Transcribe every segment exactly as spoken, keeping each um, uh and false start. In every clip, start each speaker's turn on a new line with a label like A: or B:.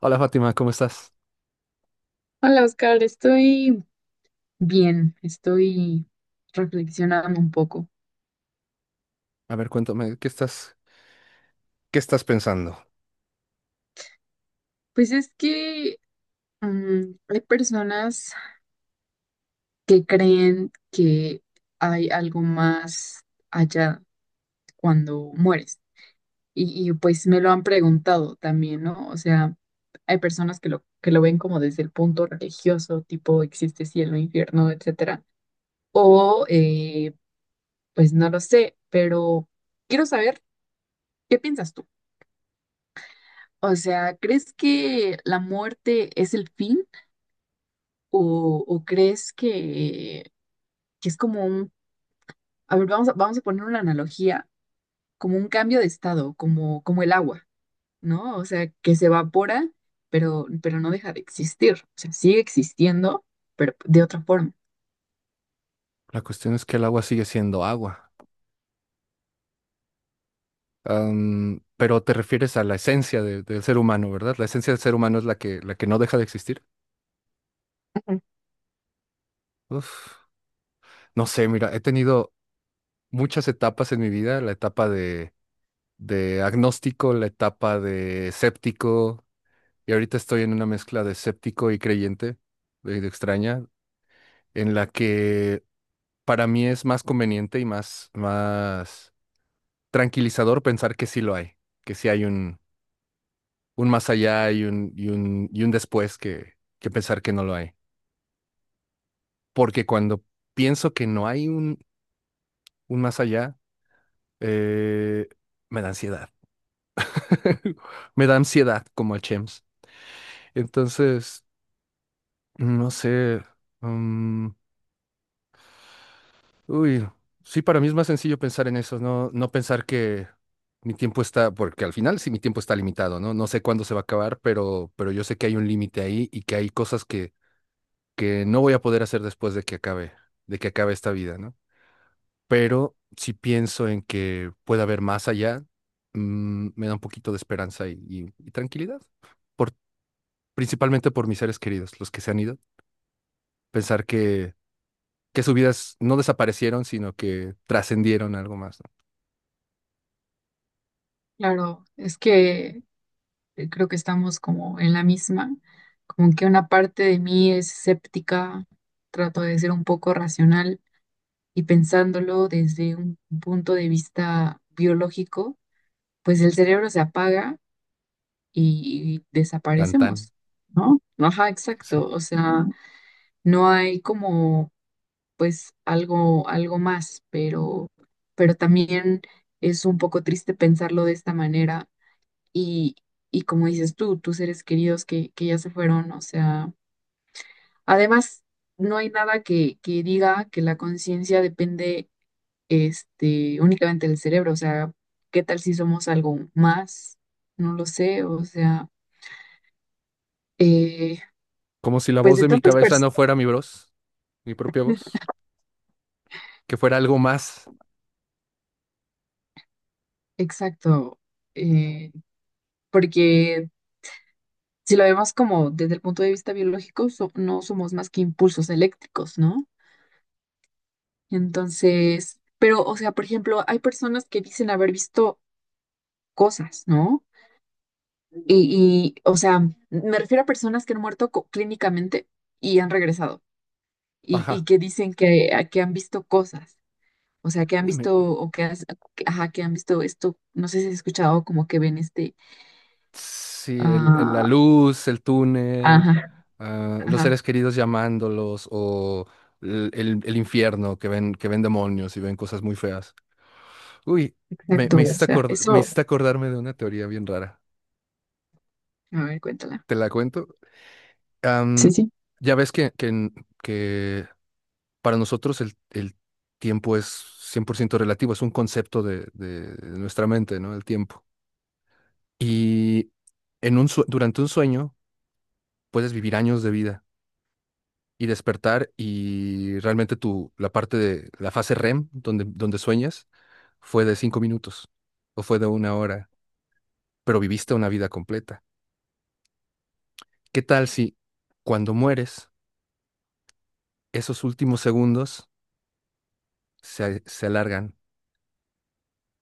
A: Hola Fátima, ¿cómo estás?
B: Hola Oscar, estoy bien, estoy reflexionando un poco.
A: A ver, cuéntame, ¿qué estás, qué estás pensando?
B: Pues es que mm, hay personas que creen que hay algo más allá cuando mueres y, y, pues me lo han preguntado también, ¿no? O sea, hay personas que lo, que lo ven como desde el punto religioso, tipo existe cielo, infierno, etcétera. O eh, pues no lo sé, pero quiero saber, ¿qué piensas tú? O sea, ¿crees que la muerte es el fin? ¿O, o crees que, que es como un, a ver, vamos a, vamos a poner una analogía, como un cambio de estado, como, como el agua, ¿no? O sea, que se evapora, pero, pero no deja de existir. O sea, sigue existiendo, pero de otra forma.
A: La cuestión es que el agua sigue siendo agua. Am, pero te refieres a la esencia de- del ser humano, ¿verdad? La esencia del ser humano es la que, la que no deja de existir.
B: Ujú.
A: Uf, no sé, mira, he tenido muchas etapas en mi vida, la etapa de, de, agnóstico, la etapa de escéptico, y ahorita estoy en una mezcla de escéptico y creyente, de, de extraña, en la que para mí es más conveniente y más, más tranquilizador pensar que sí lo hay, que sí hay un, un, más allá y un, y un, y un después que, que pensar que no lo hay. Porque cuando pienso que no hay un, un más allá, eh, me da ansiedad. Me da ansiedad como a Chems. Entonces, no sé. mm, uy, sí, para mí es más sencillo pensar en eso, no, no pensar que mi tiempo está, porque al final sí mi tiempo está limitado, ¿no? No sé cuándo se va a acabar, pero, pero, yo sé que hay un límite ahí y que hay cosas que que no voy a poder hacer después de que acabe, de que acabe esta vida, ¿no? Pero si pienso en que pueda haber más allá, mm, me da un poquito de esperanza y, y- y tranquilidad, por, principalmente por mis seres queridos, los que se han ido, pensar que, que sus vidas no desaparecieron, sino que trascendieron algo más, ¿no?
B: Claro, es que eh, creo que estamos como en la misma, como que una parte de mí es escéptica, trato de ser un poco racional y pensándolo desde un punto de vista biológico, pues el cerebro se apaga y
A: Tan tan,
B: desaparecemos, ¿no? Ajá,
A: qué sé.
B: exacto. O sea, no hay como, pues, algo, algo más, pero, pero también es un poco triste pensarlo de esta manera y, y como dices tú, tus seres queridos que, que ya se fueron, o sea, además, no hay nada que, que diga que la conciencia depende este, únicamente el cerebro, o sea, ¿qué tal si somos algo más? No lo sé, o sea, eh,
A: Como si la
B: pues
A: voz
B: de
A: de mi
B: tantas
A: cabeza no
B: personas,
A: fuera mi voz, mi propia voz, que fuera algo más.
B: exacto, eh, porque si lo vemos como desde el punto de vista biológico, so- no somos más que impulsos eléctricos, ¿no? Entonces, pero, o sea, por ejemplo, hay personas que dicen haber visto cosas, ¿no? Y, y, o sea, me refiero a personas que han muerto co- clínicamente y han regresado y, y
A: Ajá.
B: que dicen que, a- que han visto cosas. O sea, que han
A: Uy,
B: visto o que, has- que- ajá, que han visto esto, no sé si has escuchado como que ven este,
A: Sí, el- el- la
B: Ah,
A: luz, el túnel,
B: ajá,
A: ah, los
B: ajá,
A: seres queridos llamándolos o el, el- el infierno que ven, que ven demonios y ven cosas muy feas. Uy, me,
B: exacto,
A: me
B: o
A: hiciste
B: sea,
A: acord- me
B: eso,
A: hiciste acordarme de una teoría bien rara.
B: a ver, cuéntala.
A: ¿Te la cuento?
B: Sí,
A: Am,
B: sí.
A: ya ves que, que, en- que para nosotros el, el tiempo es cien por ciento relativo, es un concepto de, de nuestra mente, ¿no? El tiempo. Y en un, sue- durante un sueño puedes vivir años de vida y despertar y realmente tu, la parte de la fase R E M, donde, donde sueñas, fue de cinco minutos o fue de una hora, pero viviste una vida completa. ¿Qué tal si cuando mueres, esos últimos segundos se, se alargan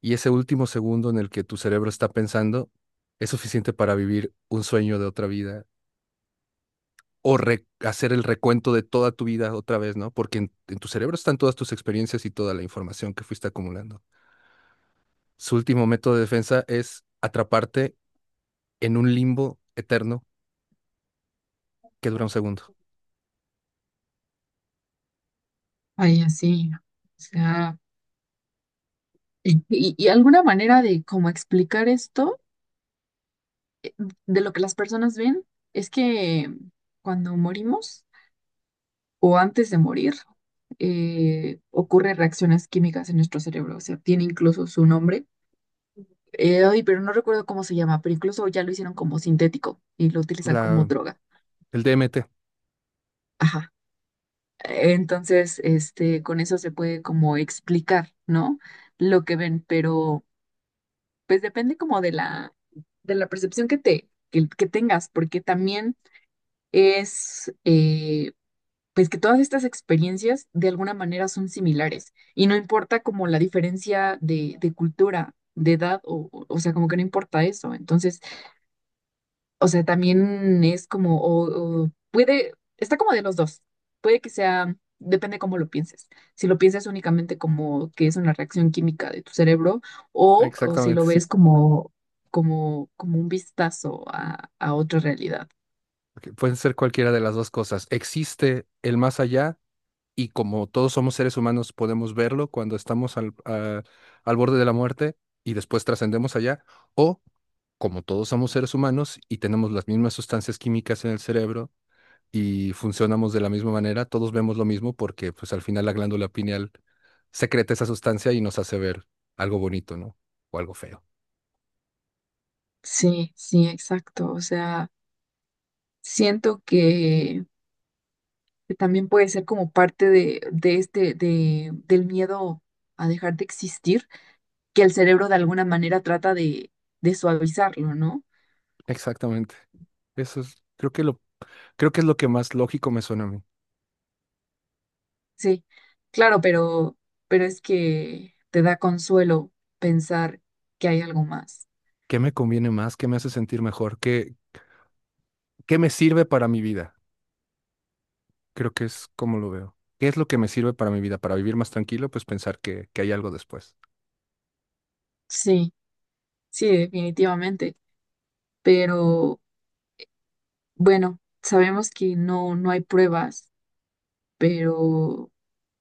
A: y ese último segundo en el que tu cerebro está pensando es suficiente para vivir un sueño de otra vida? O re- hacer el recuento de toda tu vida otra vez, ¿no? Porque en, en tu cerebro están todas tus experiencias y toda la información que fuiste acumulando. Su último método de defensa es atraparte en un limbo eterno que dura un segundo.
B: Ay, así, o sea, y, y- y alguna manera de cómo explicar esto, de lo que las personas ven, es que cuando morimos o antes de morir, eh, ocurren reacciones químicas en nuestro cerebro, o sea, tiene incluso su nombre Eh, Ay, pero no recuerdo cómo se llama, pero incluso ya lo hicieron como sintético y lo utilizan como
A: La,
B: droga.
A: el D M T,
B: Ajá. Entonces, este, con eso se puede como explicar, ¿no? Lo que ven, pero pues depende como de la, de la percepción que te, que, que tengas, porque también es, eh, pues que todas estas experiencias de alguna manera son similares y no importa como la diferencia de, de cultura, de edad, o, o o sea, como que no importa eso. Entonces, o sea, también es como, o, o puede, está como de los dos. Puede que sea, depende cómo lo pienses. Si lo piensas únicamente como que es una reacción química de tu cerebro, o, o si
A: exactamente,
B: lo
A: sí.
B: ves como, como, como un vistazo a, a otra realidad.
A: Ok, pueden ser cualquiera de las dos cosas. Existe el más allá y como todos somos seres humanos podemos verlo cuando estamos al, a- al borde de la muerte y después trascendemos allá, o como todos somos seres humanos y tenemos las mismas sustancias químicas en el cerebro, y funcionamos de la misma manera, todos vemos lo mismo porque pues al final la glándula pineal secreta esa sustancia y nos hace ver algo bonito, ¿no? O algo feo.
B: Sí, sí, exacto. O sea, siento que, que también puede ser como parte de, de este, de, del miedo a dejar de existir, que el cerebro de alguna manera trata de, de suavizarlo, ¿no?
A: Exactamente. Eso es, creo que lo, creo que es lo que más lógico me suena a mí.
B: Sí, claro, pero, pero es que te da consuelo pensar que hay algo más.
A: ¿Qué me conviene más? ¿Qué me hace sentir mejor? ¿Qué, qué me sirve para mi vida? Creo que es como lo veo. ¿Qué es lo que me sirve para mi vida? Para vivir más tranquilo, pues pensar que, que hay algo después,
B: Sí, sí, definitivamente. Pero bueno, sabemos que no, no hay pruebas, pero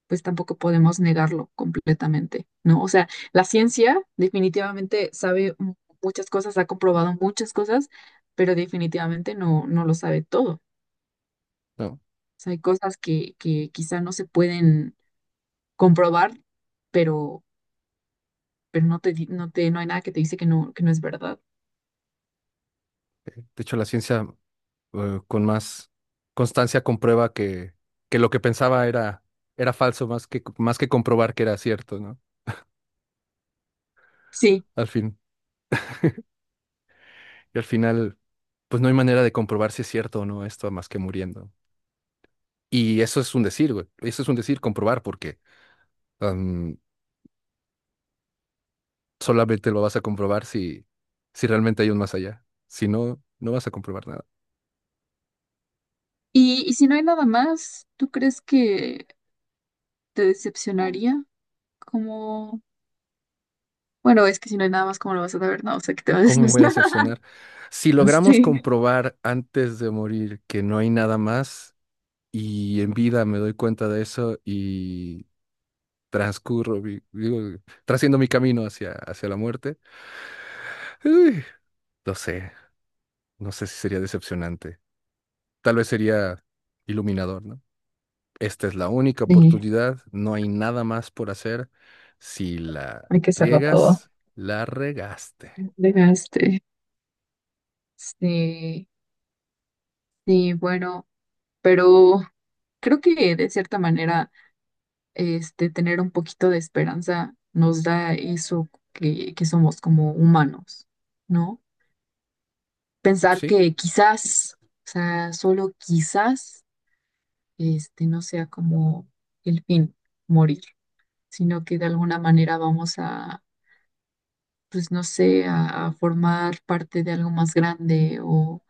B: pues tampoco podemos negarlo completamente, ¿no? O sea, la ciencia definitivamente sabe mu- muchas cosas, ha comprobado muchas cosas, pero definitivamente no, no lo sabe todo. O
A: ¿no?
B: sea, hay cosas que, que quizá no se pueden comprobar, pero pero no te, di- no te, no hay nada que te dice que no, que no es verdad.
A: De hecho, la ciencia eh, con más constancia comprueba que, que, lo que pensaba era, era falso, más que, más que comprobar que era cierto, ¿no?
B: Sí.
A: Al fin. Y al final, pues no hay manera de comprobar si es cierto o no esto más que muriendo. Y eso es un decir, güey. Eso es un decir comprobar, porque am, solamente lo vas a comprobar si, si realmente hay un más allá. Si no, no vas a comprobar nada.
B: Y, y si no hay nada más, ¿tú crees que te decepcionaría? Como, bueno, es que si no hay nada más, ¿cómo lo vas a saber? No, o sea, que te va a
A: ¿Cómo me voy a
B: decepcionar.
A: decepcionar? Si logramos
B: Sí,
A: comprobar antes de morir que no hay nada más, y en vida me doy cuenta de eso y transcurro, vi- digo, trasciendo mi camino hacia, hacia la muerte. Uy, no sé, no sé si sería decepcionante. Tal vez sería iluminador, ¿no? Esta es la única
B: sí,
A: oportunidad, no hay nada más por hacer. Si la
B: hay que hacerlo todo.
A: riegas, la regaste.
B: Dejaste. Sí, sí, bueno, pero creo que de cierta manera, este, tener un poquito de esperanza nos da eso que, que somos como humanos, ¿no? Pensar
A: Sí,
B: que quizás, o sea, solo quizás, este, no sea como el fin, morir, sino que de alguna manera vamos a, pues no sé, a, a formar parte de algo más grande o,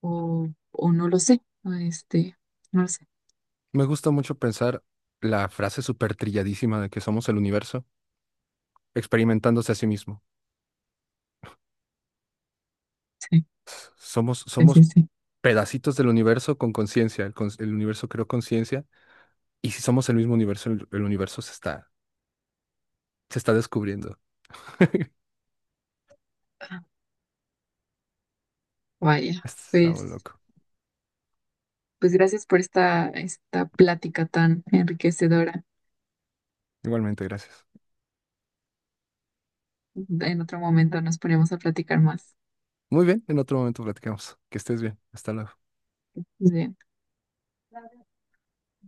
B: o, o no lo sé, o este, no lo sé.
A: me gusta mucho pensar la frase súper trilladísima de que somos el universo experimentándose a sí mismo.
B: Sí,
A: Somos,
B: sí, sí,
A: somos
B: sí.
A: pedacitos del universo con conciencia. El, cons- el universo creó conciencia y si somos el mismo universo, el, el universo se está, se está descubriendo.
B: Ah, vaya,
A: Está muy
B: pues,
A: loco.
B: pues gracias por esta, esta plática tan enriquecedora.
A: Igualmente, gracias.
B: En otro momento nos ponemos a platicar más.
A: Muy bien, en otro momento platicamos. Que estés bien. Hasta luego.
B: Bien.